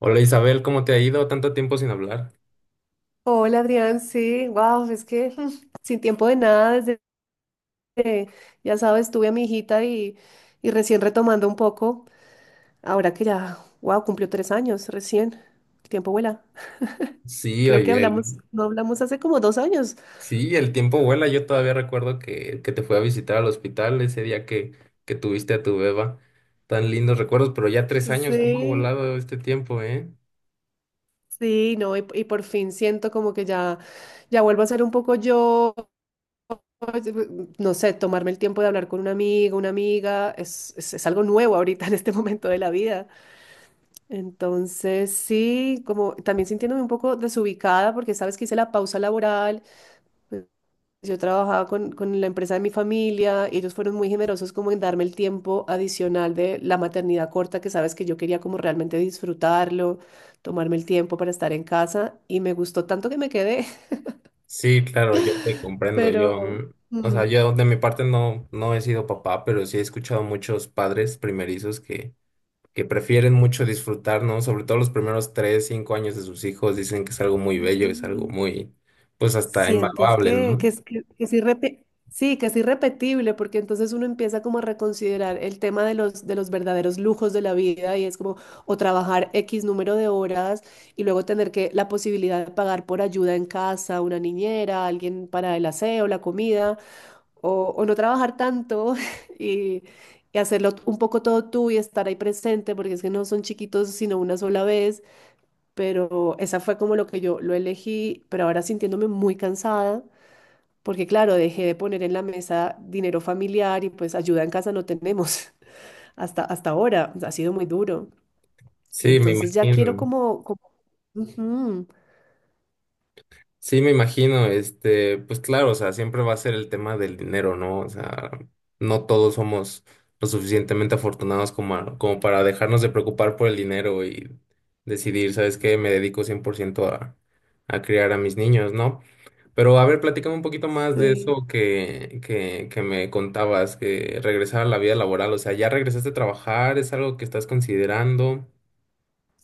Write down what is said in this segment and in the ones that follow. Hola Isabel, ¿cómo te ha ido? Tanto tiempo sin hablar. Hola Adrián, sí, wow, es que sin tiempo de nada. Ya sabes, tuve a mi hijita y recién retomando un poco, ahora que ya, wow, cumplió 3 años, recién, el tiempo vuela. Sí, Creo que oye, hablamos, no hablamos hace como 2 años. sí, el tiempo vuela. Yo todavía recuerdo que te fui a visitar al hospital ese día que tuviste a tu beba. Tan lindos recuerdos, pero ya 3 años, ¿cómo ha Sí, volado este tiempo, eh? sí, no, y por fin siento como que ya vuelvo a ser un poco yo. No sé, tomarme el tiempo de hablar con un amigo, una amiga, es algo nuevo ahorita en este momento de la vida. Entonces, sí, como también sintiéndome un poco desubicada porque sabes que hice la pausa laboral, pues, yo trabajaba con la empresa de mi familia y ellos fueron muy generosos como en darme el tiempo adicional de la maternidad corta, que sabes que yo quería como realmente disfrutarlo, tomarme el tiempo para estar en casa, y me gustó tanto que me quedé. Sí, claro, yo te comprendo. pero... Yo, o sea, mm, yo de mi parte no he sido papá, pero sí he escuchado muchos padres primerizos que prefieren mucho disfrutar, ¿no? Sobre todo los primeros 3, 5 años de sus hijos, dicen que es algo muy bello, es algo sí. muy, pues hasta Sientes invaluable, que, ¿no? que, es- que, que es sí, que es irrepetible, porque entonces uno empieza como a reconsiderar el tema de los verdaderos lujos de la vida, y es como o trabajar X número de horas y luego tener que la posibilidad de pagar por ayuda en casa, una niñera, alguien para el aseo, la comida, o no trabajar tanto y, y hacerlo un poco todo tú y estar ahí presente, porque es que no son chiquitos sino una sola vez. Pero esa fue como lo que yo lo elegí, pero ahora sintiéndome muy cansada porque claro, dejé de poner en la mesa dinero familiar y pues ayuda en casa no tenemos hasta ahora, ha sido muy duro. Sí, me Entonces ya quiero imagino. como ujú, Sí, me imagino, este, pues claro, o sea, siempre va a ser el tema del dinero, ¿no? O sea, no todos somos lo suficientemente afortunados como, como para dejarnos de preocupar por el dinero y decidir, ¿sabes qué? Me dedico 100% a criar a mis niños, ¿no? Pero a ver, platícame un poquito más de sí. eso que me contabas, que regresar a la vida laboral, o sea, ¿ya regresaste a trabajar? ¿Es algo que estás considerando?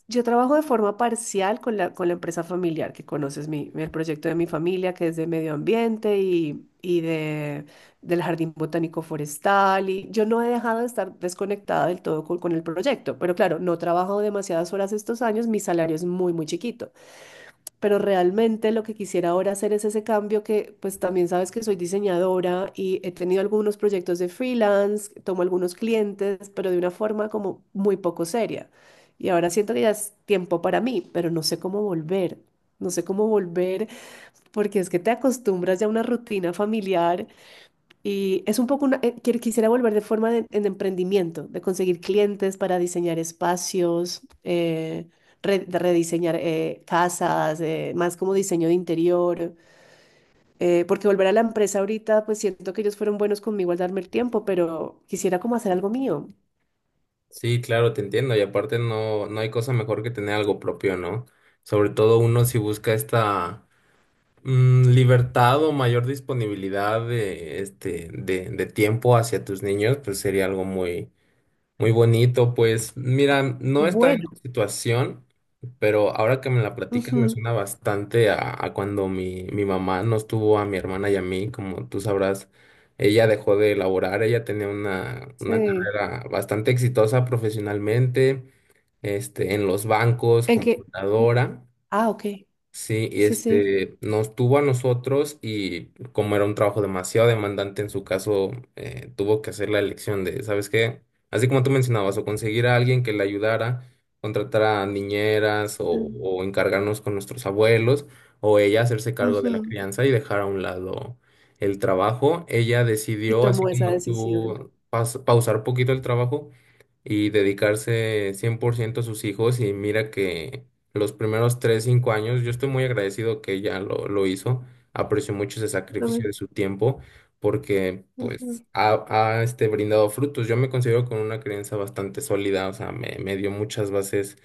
Yo trabajo de forma parcial con la empresa familiar, que conoces mi, el proyecto de mi familia, que es de medio ambiente y de, del jardín botánico forestal. Y yo no he dejado de estar desconectada del todo con el proyecto, pero claro, no trabajo demasiadas horas estos años, mi salario es muy, muy chiquito. Pero realmente lo que quisiera ahora hacer es ese cambio, que pues también sabes que soy diseñadora y he tenido algunos proyectos de freelance, tomo algunos clientes, pero de una forma como muy poco seria. Y ahora siento que ya es tiempo para mí, pero no sé cómo volver. No sé cómo volver, porque es que te acostumbras ya a una rutina familiar y es un poco una, quisiera volver de forma de, en emprendimiento, de conseguir clientes para diseñar espacios, de rediseñar casas, más como diseño de interior, porque volver a la empresa ahorita, pues siento que ellos fueron buenos conmigo al darme el tiempo, pero quisiera como hacer algo mío. Sí, claro, te entiendo. Y aparte no hay cosa mejor que tener algo propio, ¿no? Sobre todo uno si busca esta libertad o mayor disponibilidad de tiempo hacia tus niños, pues sería algo muy, muy bonito, pues mira, no estaba en Bueno. tu situación, pero ahora que me la platicas me Ujú, suena bastante a cuando mi mamá nos tuvo a mi hermana y a mí, como tú sabrás, ella dejó de laborar, ella tenía una sí. carrera bastante exitosa profesionalmente, este, en los bancos, En que, computadora. ah, ok. Sí, y Sí, sí. este nos tuvo a nosotros y como era un trabajo demasiado demandante en su caso, tuvo que hacer la elección de, ¿sabes qué? Así como tú mencionabas, o conseguir a alguien que le ayudara, contratar a niñeras o, Mm, o encargarnos con nuestros abuelos, o ella hacerse cargo de la ujú, crianza y dejar a un lado el trabajo. Ella y decidió, así tomó esa como decisión. tú, pausar un poquito el trabajo y dedicarse 100% a sus hijos y mira que los primeros 3 a 5 años. Yo estoy muy agradecido que ella lo hizo. Aprecio mucho ese sacrificio Ujú, de su tiempo porque pues ujú, ha brindado frutos. Yo me considero con una creencia bastante sólida, o sea, me dio muchas bases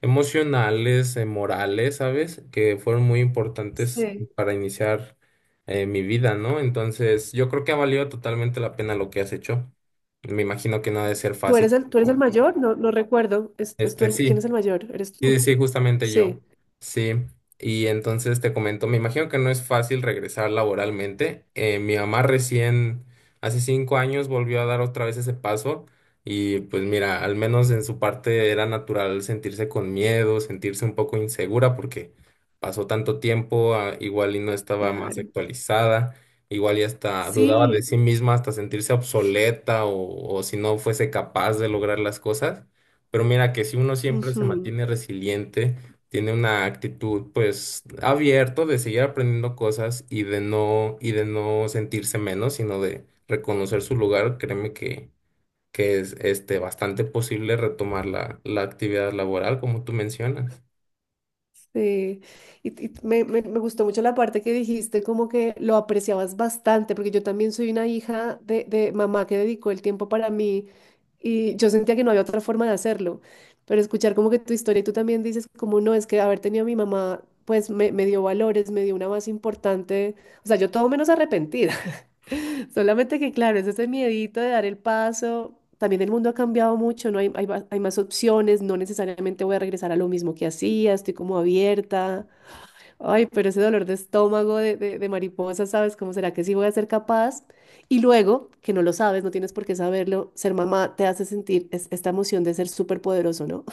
emocionales, morales, ¿sabes? Que fueron muy importantes sí. para iniciar mi vida, ¿no? Entonces, yo creo que ha valido totalmente la pena lo que has hecho. Me imagino que no ha de ser fácil. Tú eres ¿No? el mayor? No, no recuerdo. Es tú Este, quién sí, es el mayor? ¿Eres tú? Sí, sí, justamente Sí, yo. Sí. Y entonces te comento, me imagino que no es fácil regresar laboralmente. Mi mamá recién, hace 5 años, volvió a dar otra vez ese paso. Y pues mira, al menos en su parte era natural sentirse con miedo, sentirse un poco insegura porque pasó tanto tiempo, ah, igual y no estaba más claro. actualizada, igual y hasta dudaba de Sí. sí misma, hasta sentirse obsoleta o si no fuese capaz de lograr las cosas. Pero mira que si uno siempre se Ujú, mantiene resiliente, tiene una actitud pues abierto de seguir aprendiendo cosas y de no sentirse menos, sino de reconocer su lugar, créeme que es bastante posible retomar la actividad laboral como tú mencionas. sí. Y me, me gustó mucho la parte que dijiste, como que lo apreciabas bastante, porque yo también soy una hija de mamá que dedicó el tiempo para mí, y yo sentía que no había otra forma de hacerlo. Pero escuchar como que tu historia, y tú también dices, como no, es que haber tenido a mi mamá, pues me dio valores, me dio una base importante. O sea, yo todo menos arrepentida. Solamente que, claro, es ese miedito de dar el paso. También el mundo ha cambiado mucho, ¿no? Hay más opciones, no necesariamente voy a regresar a lo mismo que hacía, estoy como abierta. Ay, pero ese dolor de estómago de mariposa, ¿sabes? ¿Cómo será que sí voy a ser capaz? Y luego, que no lo sabes, no tienes por qué saberlo, ser mamá te hace sentir esta emoción de ser súper poderoso, ¿no?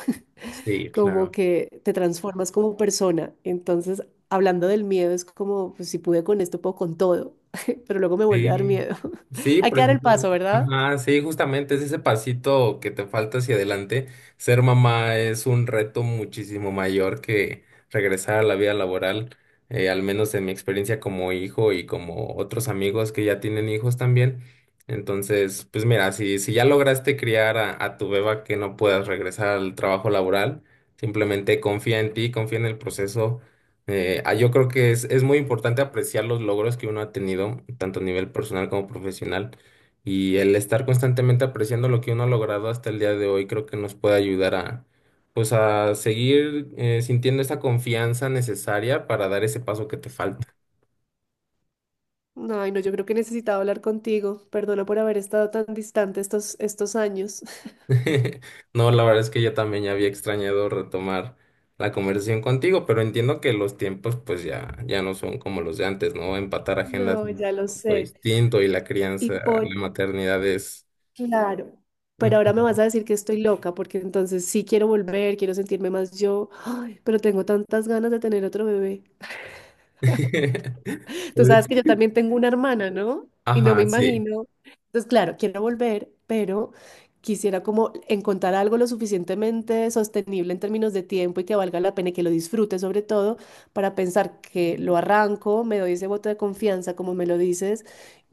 Sí, Como claro. que te transformas como persona. Entonces, hablando del miedo, es como, pues si pude con esto, puedo con todo, pero luego me vuelve a dar Sí, miedo. sí, Hay que dar el precisamente. paso, ¿verdad? Ajá, sí, justamente es ese pasito que te falta hacia adelante. Ser mamá es un reto muchísimo mayor que regresar a la vida laboral, al menos en mi experiencia como hijo y como otros amigos que ya tienen hijos también. Entonces, pues mira, si ya lograste criar a tu beba que no puedas regresar al trabajo laboral, simplemente confía en ti, confía en el proceso. Yo creo que es muy importante apreciar los logros que uno ha tenido, tanto a nivel personal como profesional, y el estar constantemente apreciando lo que uno ha logrado hasta el día de hoy, creo que nos puede ayudar a, pues, a seguir sintiendo esa confianza necesaria para dar ese paso que te falta. No, ay, no, yo creo que necesitaba hablar contigo. Perdona por haber estado tan distante estos años. No, la verdad es que yo también ya había extrañado retomar la conversación contigo, pero entiendo que los tiempos, pues, ya, ya no son como los de antes, ¿no? Empatar agendas es No, un ya lo poco sé. distinto y la Y crianza, la por, maternidad es. claro, pero ahora me Ujú. vas a decir que estoy loca, porque entonces sí quiero volver, quiero sentirme más yo. Ay, pero tengo tantas ganas de tener otro bebé. Tú Pues, sabes que yo también tengo una hermana, ¿no? Y no me ajá, sí. imagino. Entonces, claro, quiero volver, pero quisiera como encontrar algo lo suficientemente sostenible en términos de tiempo y que valga la pena y que lo disfrute, sobre todo para pensar que lo arranco, me doy ese voto de confianza, como me lo dices,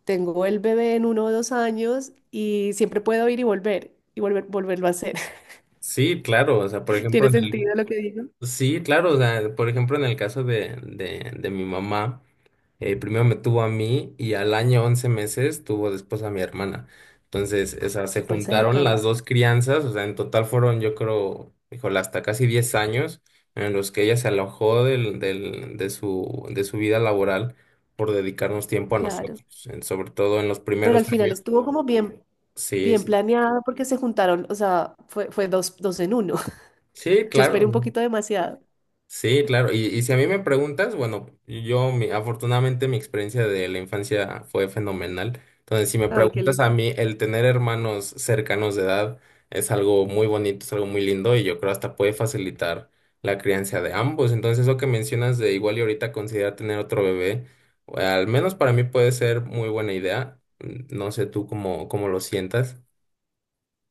tengo el bebé en 1 o 2 años, y siempre puedo ir y volver, volverlo a hacer. Sí, claro, o sea, por ejemplo, ¿Tiene en el... sentido lo que digo? Sí, claro, o sea, por ejemplo, en el caso de mi mamá, primero me tuvo a mí y al año 11 meses tuvo después a mi hermana. Entonces, o sea, se Súper juntaron cerca, las dos crianzas, o sea, en total fueron, yo creo, híjole, hasta casi 10 años en los que ella se alojó de su vida laboral por dedicarnos tiempo a claro. nosotros, sobre todo en los Pero primeros al final años. estuvo como bien, Sí, bien sí, planeado, porque se juntaron, o sea, fue dos, dos en uno. Sí, Yo esperé un claro, poquito demasiado. sí, claro. Y si a mí me preguntas, bueno, yo afortunadamente mi experiencia de la infancia fue fenomenal. Entonces, si me Ay, qué preguntas a lindo. mí, el tener hermanos cercanos de edad es algo muy bonito, es algo muy lindo y yo creo hasta puede facilitar la crianza de ambos. Entonces, eso que mencionas de igual y ahorita considerar tener otro bebé, o al menos para mí puede ser muy buena idea. No sé tú cómo lo sientas.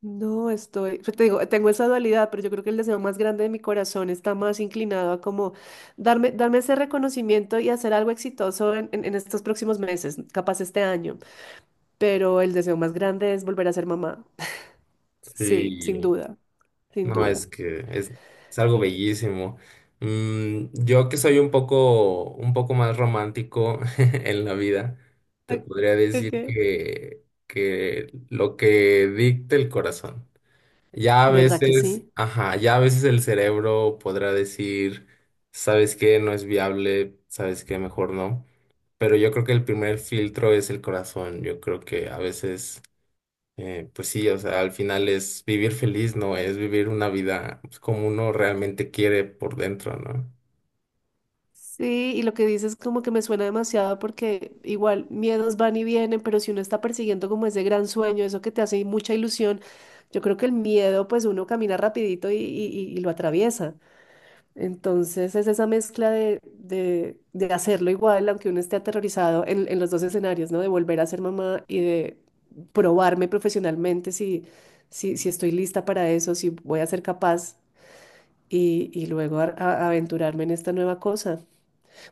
No, estoy, yo te digo, tengo esa dualidad, pero yo creo que el deseo más grande de mi corazón está más inclinado a como darme ese reconocimiento y hacer algo exitoso en, en estos próximos meses, capaz este año. Pero el deseo más grande es volver a ser mamá. Sí, sin Sí. duda, sin No, duda. es que es algo Eh, bellísimo. Yo que soy un poco más romántico en la vida, te eh, podría decir Ok. que lo que dicte el corazón. Ya a ¿Verdad que veces, sí? ajá, ya a veces el cerebro podrá decir, ¿sabes qué? No es viable, ¿sabes qué? Mejor no. Pero yo creo que el primer filtro es el corazón. Yo creo que a veces pues sí, o sea, al final es vivir feliz, ¿no? Es vivir una vida pues, como uno realmente quiere por dentro, ¿no? Sí, y lo que dices como que me suena demasiado, porque igual miedos van y vienen, pero si uno está persiguiendo como ese gran sueño, eso que te hace mucha ilusión, yo creo que el miedo pues uno camina rapidito y lo atraviesa. Entonces es esa mezcla de, de hacerlo igual, aunque uno esté aterrorizado en los dos escenarios, ¿no? De volver a ser mamá y de probarme profesionalmente si, si estoy lista para eso, si voy a ser capaz y luego aventurarme en esta nueva cosa.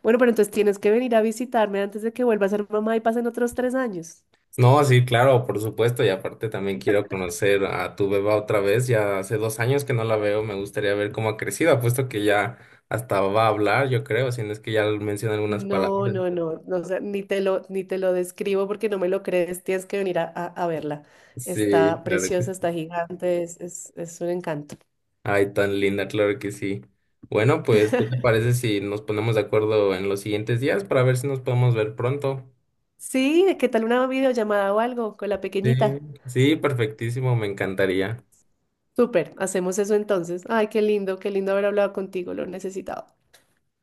Bueno, pero entonces tienes que venir a visitarme antes de que vuelva a ser mamá y pasen otros 3 años. No, sí, claro, por supuesto, y aparte también quiero conocer a tu beba otra vez, ya hace 2 años que no la veo, me gustaría ver cómo ha crecido, apuesto que ya hasta va a hablar, yo creo, si no es que ya menciona algunas No, palabras. no, no, no, o sea, ni te lo describo porque no me lo crees, tienes que venir a, a verla. Sí, Está claro preciosa, que sí. está gigante, es un encanto. Ay, tan linda, claro que sí. Bueno, pues, ¿qué te parece si nos ponemos de acuerdo en los siguientes días para ver si nos podemos ver pronto? Sí, ¿qué tal una videollamada o algo con la Sí, pequeñita? sí, perfectísimo, me encantaría. Súper, hacemos eso entonces. Ay, qué lindo haber hablado contigo, lo necesitaba.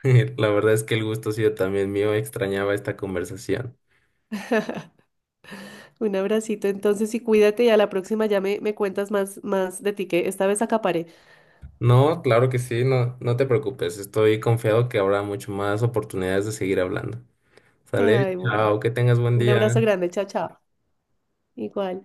La verdad es que el gusto ha sido también mío, extrañaba esta conversación. Un abracito entonces y cuídate, y a la próxima ya me cuentas más de ti, que esta vez acaparé. No, claro que sí, no te preocupes, estoy confiado que habrá mucho más oportunidades de seguir hablando. Sale, Ay, bueno, chao, que tengas buen un abrazo día. grande, chao, chao. Igual.